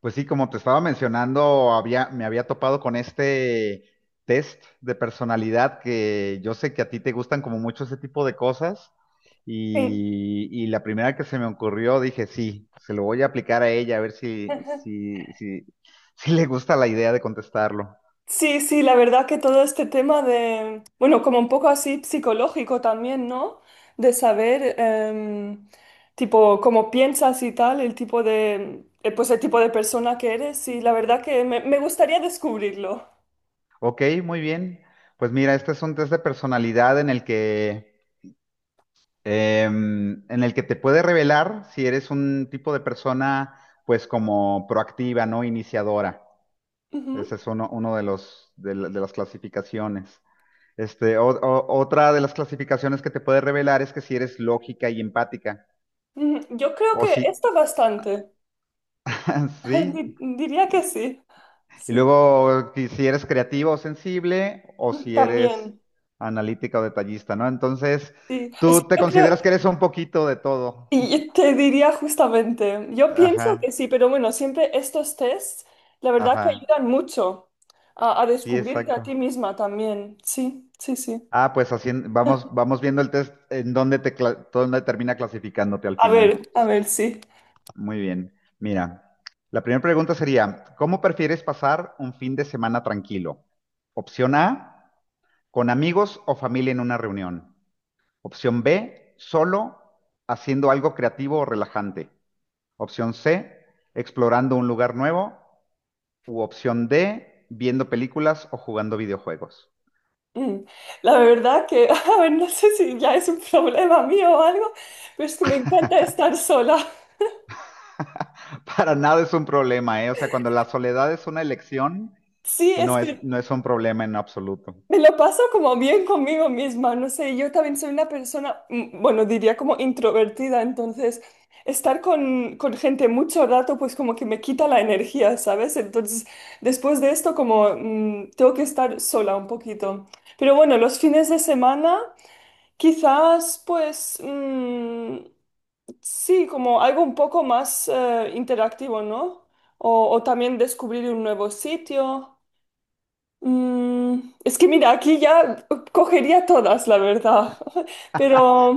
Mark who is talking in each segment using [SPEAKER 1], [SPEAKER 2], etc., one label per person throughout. [SPEAKER 1] Pues sí, como te estaba mencionando, me había topado con este test de personalidad que yo sé que a ti te gustan como mucho ese tipo de cosas
[SPEAKER 2] Sí,
[SPEAKER 1] y la primera que se me ocurrió dije, sí, se lo voy a aplicar a ella a ver
[SPEAKER 2] ajá.
[SPEAKER 1] si le gusta la idea de contestarlo.
[SPEAKER 2] Sí, sí, la verdad que todo este tema de, bueno, como un poco así psicológico también, ¿no? De saber, tipo, cómo piensas y tal, el tipo de, pues el tipo de persona que eres, y la verdad que me gustaría descubrirlo.
[SPEAKER 1] Ok, muy bien. Pues mira, este es un test de personalidad en el que, en el que te puede revelar si eres un tipo de persona pues como proactiva, ¿no? Iniciadora.
[SPEAKER 2] Ujú,
[SPEAKER 1] Ese es uno de los, de, la- de las clasificaciones. Este, otra de las clasificaciones que te puede revelar es que si eres lógica y empática,
[SPEAKER 2] ujú. Yo creo
[SPEAKER 1] o
[SPEAKER 2] que
[SPEAKER 1] si,
[SPEAKER 2] está bastante,
[SPEAKER 1] sí,
[SPEAKER 2] Diría que sí,
[SPEAKER 1] y
[SPEAKER 2] sí,
[SPEAKER 1] luego que si eres creativa o sensible, o si eres
[SPEAKER 2] también,
[SPEAKER 1] analítica o detallista, ¿no? Entonces,
[SPEAKER 2] sí. Es que
[SPEAKER 1] tú te
[SPEAKER 2] yo creo,
[SPEAKER 1] consideras que eres un poquito de todo.
[SPEAKER 2] y te diría justamente, yo
[SPEAKER 1] Ajá,
[SPEAKER 2] pienso que sí, pero bueno, siempre estos tests, la verdad
[SPEAKER 1] ajá,
[SPEAKER 2] que ayudan mucho a
[SPEAKER 1] sí,
[SPEAKER 2] descubrirte a
[SPEAKER 1] exacto.
[SPEAKER 2] ti misma también. Sí, sí, sí.
[SPEAKER 1] Ah, pues así vamos viendo el test en dónde dónde termina clasificándote al final.
[SPEAKER 2] A ver, sí.
[SPEAKER 1] Muy bien. Mira, la primera pregunta sería, ¿cómo prefieres pasar un fin de semana tranquilo? Opción A, con amigos o familia en una reunión. Opción B, solo haciendo algo creativo o relajante. Opción C, explorando un lugar nuevo. U opción D, viendo películas o jugando videojuegos.
[SPEAKER 2] Mm. La verdad que, a ver, no sé si ya es un problema mío o algo, pero es que me encanta estar sola.
[SPEAKER 1] Para nada es un problema, ¿eh? O sea, cuando la soledad es una elección,
[SPEAKER 2] Sí, es
[SPEAKER 1] no es, no
[SPEAKER 2] que
[SPEAKER 1] es un problema en absoluto.
[SPEAKER 2] me lo paso como bien conmigo misma, no sé, yo también soy una persona, bueno, diría como introvertida, entonces estar con gente mucho rato pues como que me quita la energía, ¿sabes? Entonces después de esto como tengo que estar sola un poquito. Pero bueno, los fines de semana quizás pues sí, como algo un poco más interactivo, ¿no? O también descubrir un nuevo sitio. Mm, es que mira, aquí ya cogería todas, la verdad.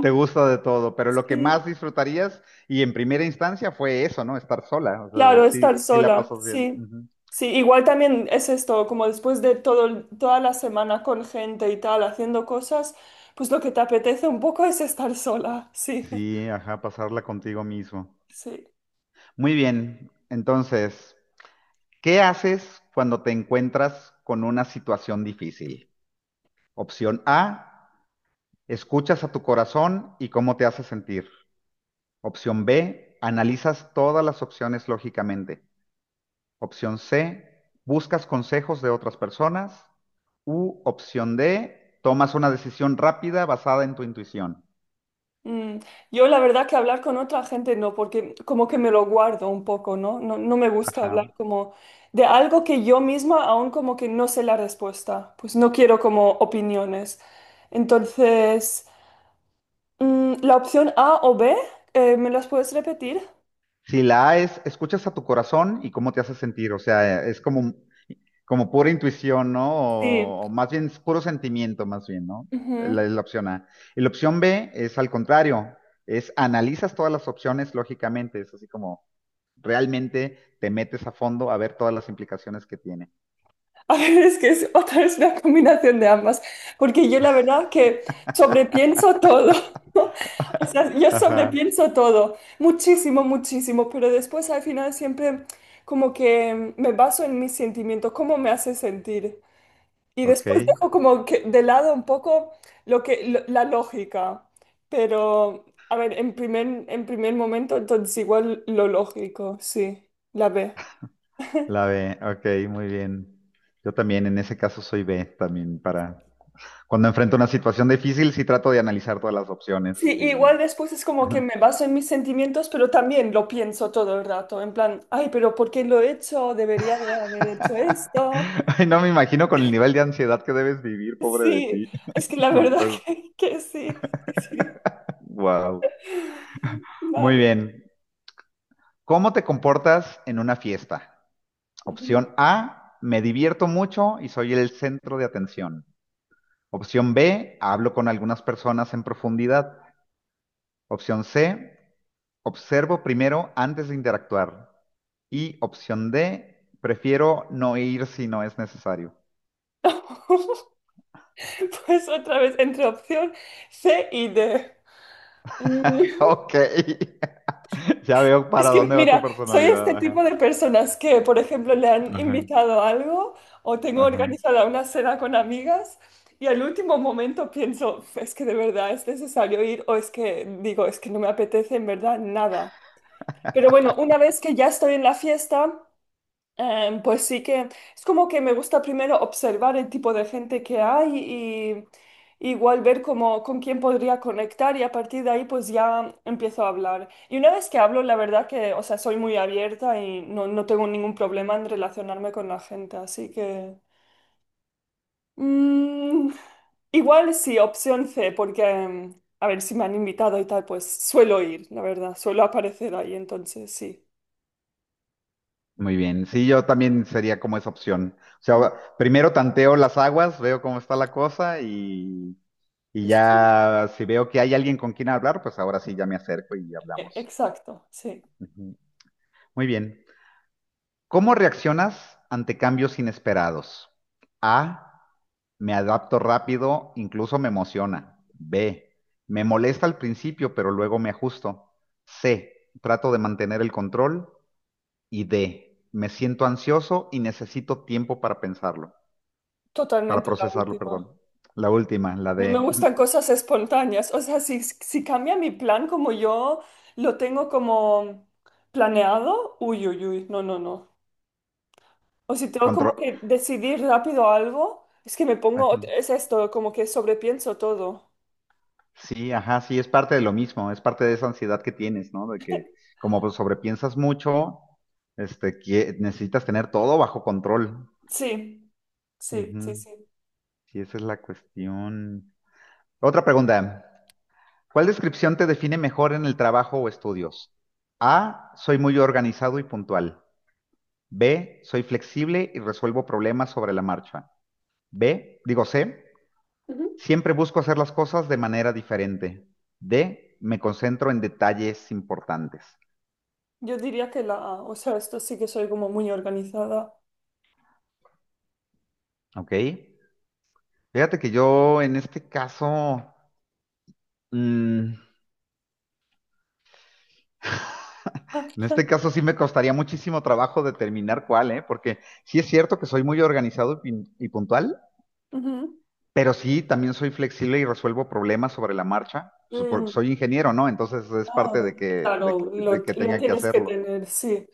[SPEAKER 1] Te gusta de todo, pero lo que más
[SPEAKER 2] sí,
[SPEAKER 1] disfrutarías y en primera instancia fue eso, ¿no? Estar sola, o
[SPEAKER 2] claro,
[SPEAKER 1] sea,
[SPEAKER 2] estar
[SPEAKER 1] sí, sí la
[SPEAKER 2] sola,
[SPEAKER 1] pasas bien.
[SPEAKER 2] sí.
[SPEAKER 1] Ujú.
[SPEAKER 2] Sí, igual también es esto, como después de todo, toda la semana con gente y tal, haciendo cosas, pues lo que te apetece un poco es estar sola, sí,
[SPEAKER 1] Sí, ajá, pasarla contigo mismo.
[SPEAKER 2] sí.
[SPEAKER 1] Muy bien, entonces, ¿qué haces cuando te encuentras con una situación difícil? Opción A, escuchas a tu corazón y cómo te hace sentir. Opción B, analizas todas las opciones lógicamente. Opción C, buscas consejos de otras personas. U, opción D, tomas una decisión rápida basada en tu intuición.
[SPEAKER 2] Mm, yo la verdad que hablar con otra gente no, porque como que me lo guardo un poco, ¿no? No, no me gusta hablar
[SPEAKER 1] Ajá.
[SPEAKER 2] como de algo que yo misma aún como que no sé la respuesta, pues no quiero como opiniones. Entonces, mm, la opción A o B, ¿me las puedes repetir?
[SPEAKER 1] Si la A es, escuchas a tu corazón y cómo te hace sentir. O sea, es como pura intuición, ¿no?
[SPEAKER 2] Sí.
[SPEAKER 1] O más bien es puro sentimiento, más bien, ¿no? La opción A. Y la opción B es al contrario, es analizas todas las opciones lógicamente, es así como realmente te metes a fondo a ver todas las implicaciones que tiene.
[SPEAKER 2] A ver, es que es otra vez una combinación de ambas, porque yo la verdad que sobrepienso todo. ¿No? O sea, yo
[SPEAKER 1] Ajá,
[SPEAKER 2] sobrepienso todo, muchísimo, muchísimo, pero después al final siempre como que me baso en mis sentimientos, cómo me hace sentir. Y
[SPEAKER 1] ok.
[SPEAKER 2] después dejo como que de lado un poco lo que, la lógica. Pero, a ver, en primer momento, entonces igual lo lógico, sí, la B.
[SPEAKER 1] La B, ok, muy bien. Yo también en ese caso soy B, también para... Cuando enfrento una situación difícil, sí trato de analizar todas las
[SPEAKER 2] Sí,
[SPEAKER 1] opciones
[SPEAKER 2] igual
[SPEAKER 1] y...
[SPEAKER 2] después es como que me baso en mis sentimientos, pero también lo pienso todo el rato, en plan, ay, pero ¿por qué lo he hecho? Debería de haber hecho esto.
[SPEAKER 1] Ay, no me imagino con el nivel de ansiedad que debes vivir, pobre de
[SPEAKER 2] Sí,
[SPEAKER 1] ti.
[SPEAKER 2] es que la
[SPEAKER 1] No,
[SPEAKER 2] verdad
[SPEAKER 1] pues,
[SPEAKER 2] que sí, sí, sí.
[SPEAKER 1] wow. Muy
[SPEAKER 2] Vale.
[SPEAKER 1] bien. ¿Cómo te comportas en una fiesta?
[SPEAKER 2] Ujú.
[SPEAKER 1] Opción A, me divierto mucho y soy el centro de atención. Opción B, hablo con algunas personas en profundidad. Opción C, observo primero antes de interactuar. Y opción D, prefiero no ir si no es necesario.
[SPEAKER 2] Pues otra vez entre opción C y D.
[SPEAKER 1] Ok, ya veo
[SPEAKER 2] Es
[SPEAKER 1] para
[SPEAKER 2] que,
[SPEAKER 1] dónde va tu
[SPEAKER 2] mira, soy este
[SPEAKER 1] personalidad. Ajá.
[SPEAKER 2] tipo de personas que, por ejemplo, le han
[SPEAKER 1] Ajá,
[SPEAKER 2] invitado a algo o tengo
[SPEAKER 1] ajá.
[SPEAKER 2] organizada una cena con amigas y al último momento pienso, es que de verdad es necesario ir o es que digo, es que no me apetece en verdad nada. Pero bueno, una vez que ya estoy en la fiesta... pues sí que es como que me gusta primero observar el tipo de gente que hay y igual ver cómo, con quién podría conectar y a partir de ahí pues ya empiezo a hablar. Y una vez que hablo, la verdad que, o sea, soy muy abierta y no, no tengo ningún problema en relacionarme con la gente, así que... mm, igual sí, opción C, porque a ver si me han invitado y tal, pues suelo ir, la verdad, suelo aparecer ahí, entonces sí.
[SPEAKER 1] Muy bien, sí, yo también sería como esa opción. O sea, primero tanteo las aguas, veo cómo está la cosa y,
[SPEAKER 2] Es-
[SPEAKER 1] ya si veo que hay alguien con quien hablar, pues ahora sí ya me acerco y hablamos.
[SPEAKER 2] Exacto, sí.
[SPEAKER 1] Ujú. Muy bien. ¿Cómo reaccionas ante cambios inesperados? A. Me adapto rápido, incluso me emociona. B. Me molesta al principio, pero luego me ajusto. C. Trato de mantener el control. Y D. Me siento ansioso y necesito tiempo para pensarlo, para
[SPEAKER 2] Totalmente la
[SPEAKER 1] procesarlo,
[SPEAKER 2] última.
[SPEAKER 1] perdón. La última, la
[SPEAKER 2] No me
[SPEAKER 1] de
[SPEAKER 2] gustan cosas espontáneas. O sea, si cambia mi plan como yo lo tengo como planeado, uy, uy, uy, no, no, no. O si tengo como
[SPEAKER 1] control.
[SPEAKER 2] que decidir rápido algo, es que me pongo, es esto, como que sobrepienso todo.
[SPEAKER 1] Sí, ajá, sí, es parte de lo mismo, es parte de esa ansiedad que tienes, ¿no? De que como pues, sobrepiensas mucho, este, que necesitas tener todo bajo control.
[SPEAKER 2] Sí, sí, sí,
[SPEAKER 1] Ujú.
[SPEAKER 2] sí.
[SPEAKER 1] Sí, esa es la cuestión. Otra pregunta. ¿Cuál descripción te define mejor en el trabajo o estudios? A, soy muy organizado y puntual. B, soy flexible y resuelvo problemas sobre la marcha. B, digo C,
[SPEAKER 2] Ujú.
[SPEAKER 1] siempre busco hacer las cosas de manera diferente. D, me concentro en detalles importantes.
[SPEAKER 2] Yo diría que la A, o sea, esto sí que soy como muy organizada.
[SPEAKER 1] Ok. Fíjate que yo en este caso, mm, en este caso sí me costaría muchísimo trabajo determinar cuál, ¿eh? Porque sí es cierto que soy muy organizado y, y puntual, pero sí también soy flexible y resuelvo problemas sobre la marcha. Pues,
[SPEAKER 2] Ujú.
[SPEAKER 1] Soy ingeniero, ¿no? Entonces es
[SPEAKER 2] Ah,
[SPEAKER 1] parte de que, de,
[SPEAKER 2] claro,
[SPEAKER 1] que de que
[SPEAKER 2] lo
[SPEAKER 1] tenga que
[SPEAKER 2] tienes que
[SPEAKER 1] hacerlo.
[SPEAKER 2] tener, sí.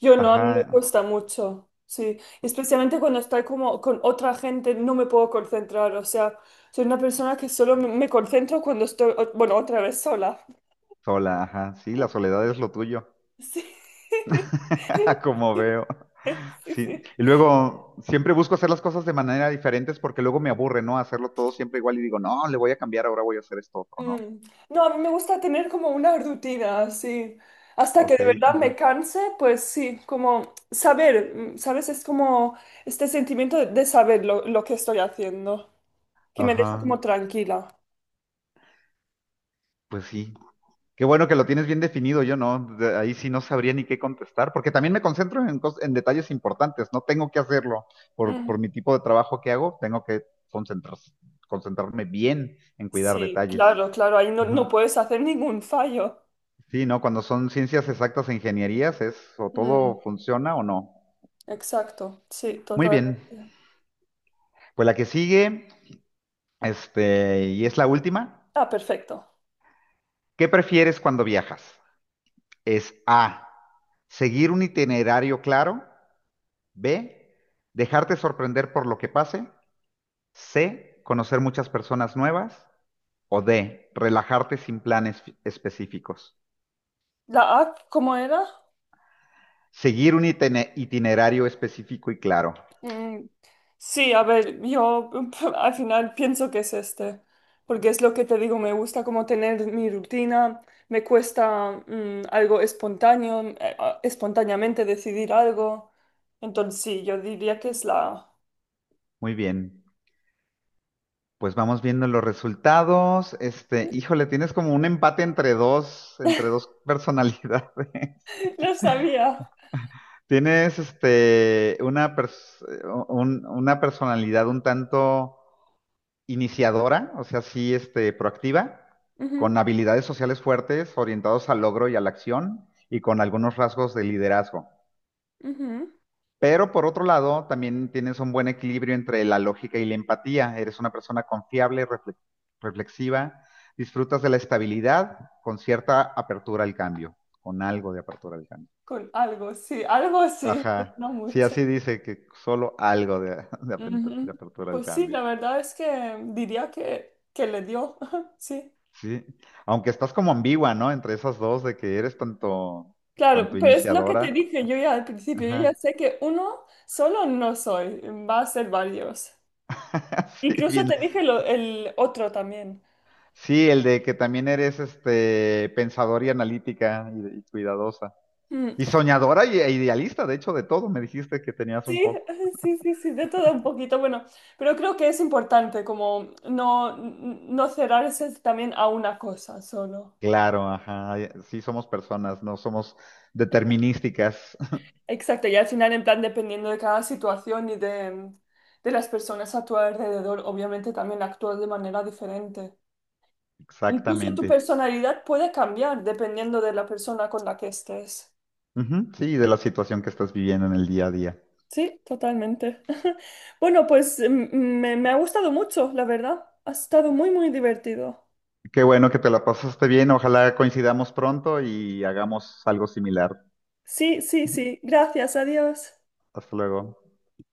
[SPEAKER 2] Yo no, a mí me
[SPEAKER 1] Ajá,
[SPEAKER 2] cuesta mucho, sí. Especialmente cuando estoy como con otra gente, no me puedo concentrar. O sea, soy una persona que solo me concentro cuando estoy, bueno, otra vez sola.
[SPEAKER 1] sola, ajá. Sí, la soledad es lo tuyo,
[SPEAKER 2] Sí.
[SPEAKER 1] como veo.
[SPEAKER 2] Sí,
[SPEAKER 1] Sí,
[SPEAKER 2] sí.
[SPEAKER 1] y luego siempre busco hacer las cosas de manera diferentes porque luego me aburre, ¿no? Hacerlo todo siempre igual y digo, no, le voy a cambiar, ahora voy a hacer esto otro, ¿no?
[SPEAKER 2] Mm. No, a mí me gusta tener como una rutina, así hasta
[SPEAKER 1] Ok,
[SPEAKER 2] que de verdad
[SPEAKER 1] ujú.
[SPEAKER 2] me canse, pues sí, como saber, mm, ¿sabes? Es como este sentimiento de saber lo que estoy haciendo. Que me deja
[SPEAKER 1] Ajá,
[SPEAKER 2] como tranquila.
[SPEAKER 1] pues sí. Qué bueno que lo tienes bien definido, yo no, ahí sí no sabría ni qué contestar, porque también me concentro en detalles importantes, no tengo que hacerlo por
[SPEAKER 2] Mm,
[SPEAKER 1] mi tipo de trabajo que hago, tengo que concentrar- concentrarme bien en cuidar
[SPEAKER 2] sí,
[SPEAKER 1] detalles.
[SPEAKER 2] claro, claro, ahí no, no
[SPEAKER 1] Ujú.
[SPEAKER 2] puedes hacer ningún fallo.
[SPEAKER 1] Sí, ¿no? Cuando son ciencias exactas e ingenierías es o
[SPEAKER 2] Mm,
[SPEAKER 1] todo funciona o no.
[SPEAKER 2] exacto, sí,
[SPEAKER 1] Muy bien.
[SPEAKER 2] totalmente.
[SPEAKER 1] Pues la que sigue, este, y es la última.
[SPEAKER 2] Ah, perfecto.
[SPEAKER 1] ¿Qué prefieres cuando viajas? Es A, seguir un itinerario claro. B, dejarte sorprender por lo que pase. C, conocer muchas personas nuevas. O D, relajarte sin planes específicos.
[SPEAKER 2] ¿La A cómo era?
[SPEAKER 1] Seguir un itinerario específico y claro.
[SPEAKER 2] Mm, sí, a ver, yo al final pienso que es este, porque es lo que te digo, me gusta como tener mi rutina, me cuesta mm, algo espontáneo, espontáneamente decidir algo. Entonces sí, yo diría que es la A.
[SPEAKER 1] Muy bien. Pues vamos viendo los resultados. Este, híjole, tienes como un empate entre dos personalidades.
[SPEAKER 2] Lo sabía.
[SPEAKER 1] Tienes este una personalidad un tanto iniciadora, o sea, sí, este, proactiva,
[SPEAKER 2] Ujú,
[SPEAKER 1] con habilidades sociales fuertes, orientados al logro y a la acción, y con algunos rasgos de liderazgo.
[SPEAKER 2] ujú.
[SPEAKER 1] Pero por otro lado, también tienes un buen equilibrio entre la lógica y la empatía. Eres una persona confiable, reflexiva, disfrutas de la estabilidad con cierta apertura al cambio, con algo de apertura al cambio.
[SPEAKER 2] Con algo, sí, algo así, pero
[SPEAKER 1] Ajá.
[SPEAKER 2] no
[SPEAKER 1] Sí,
[SPEAKER 2] mucho.
[SPEAKER 1] así dice que solo algo de,
[SPEAKER 2] Ujú.
[SPEAKER 1] de apertura al
[SPEAKER 2] Pues sí,
[SPEAKER 1] cambio.
[SPEAKER 2] la verdad es que diría que le dio, sí.
[SPEAKER 1] Sí. Aunque estás como ambigua, ¿no? Entre esas dos de que eres tanto,
[SPEAKER 2] Claro,
[SPEAKER 1] tanto
[SPEAKER 2] pero es lo que te
[SPEAKER 1] iniciadora.
[SPEAKER 2] dije yo ya al principio, yo ya
[SPEAKER 1] Ajá.
[SPEAKER 2] sé que uno solo no soy, va a ser varios.
[SPEAKER 1] Sí,
[SPEAKER 2] Incluso
[SPEAKER 1] bien.
[SPEAKER 2] te dije el otro también.
[SPEAKER 1] Sí, el de que también eres este pensadora y, analítica y cuidadosa.
[SPEAKER 2] Mm,
[SPEAKER 1] Y soñadora e idealista, de hecho, de todo me dijiste que tenías un
[SPEAKER 2] sí,
[SPEAKER 1] poco.
[SPEAKER 2] sí, sí, sí, de todo un poquito, bueno, pero creo que es importante como no, no cerrarse también a una cosa solo.
[SPEAKER 1] Claro, ajá. Sí, somos personas, no somos determinísticas.
[SPEAKER 2] Exacto, y al final, en plan, dependiendo de cada situación y de las personas a tu alrededor, obviamente también actúas de manera diferente. Incluso tu
[SPEAKER 1] Exactamente.
[SPEAKER 2] personalidad puede cambiar dependiendo de la persona con la que estés.
[SPEAKER 1] Ujú, sí, de la situación que estás viviendo en el día a día.
[SPEAKER 2] Sí, totalmente. Bueno, pues me ha gustado mucho, la verdad. Ha estado muy, muy divertido.
[SPEAKER 1] Qué bueno que te la pasaste bien. Ojalá coincidamos pronto y hagamos algo similar.
[SPEAKER 2] Sí, sí, sí. Gracias, adiós.
[SPEAKER 1] Hasta luego.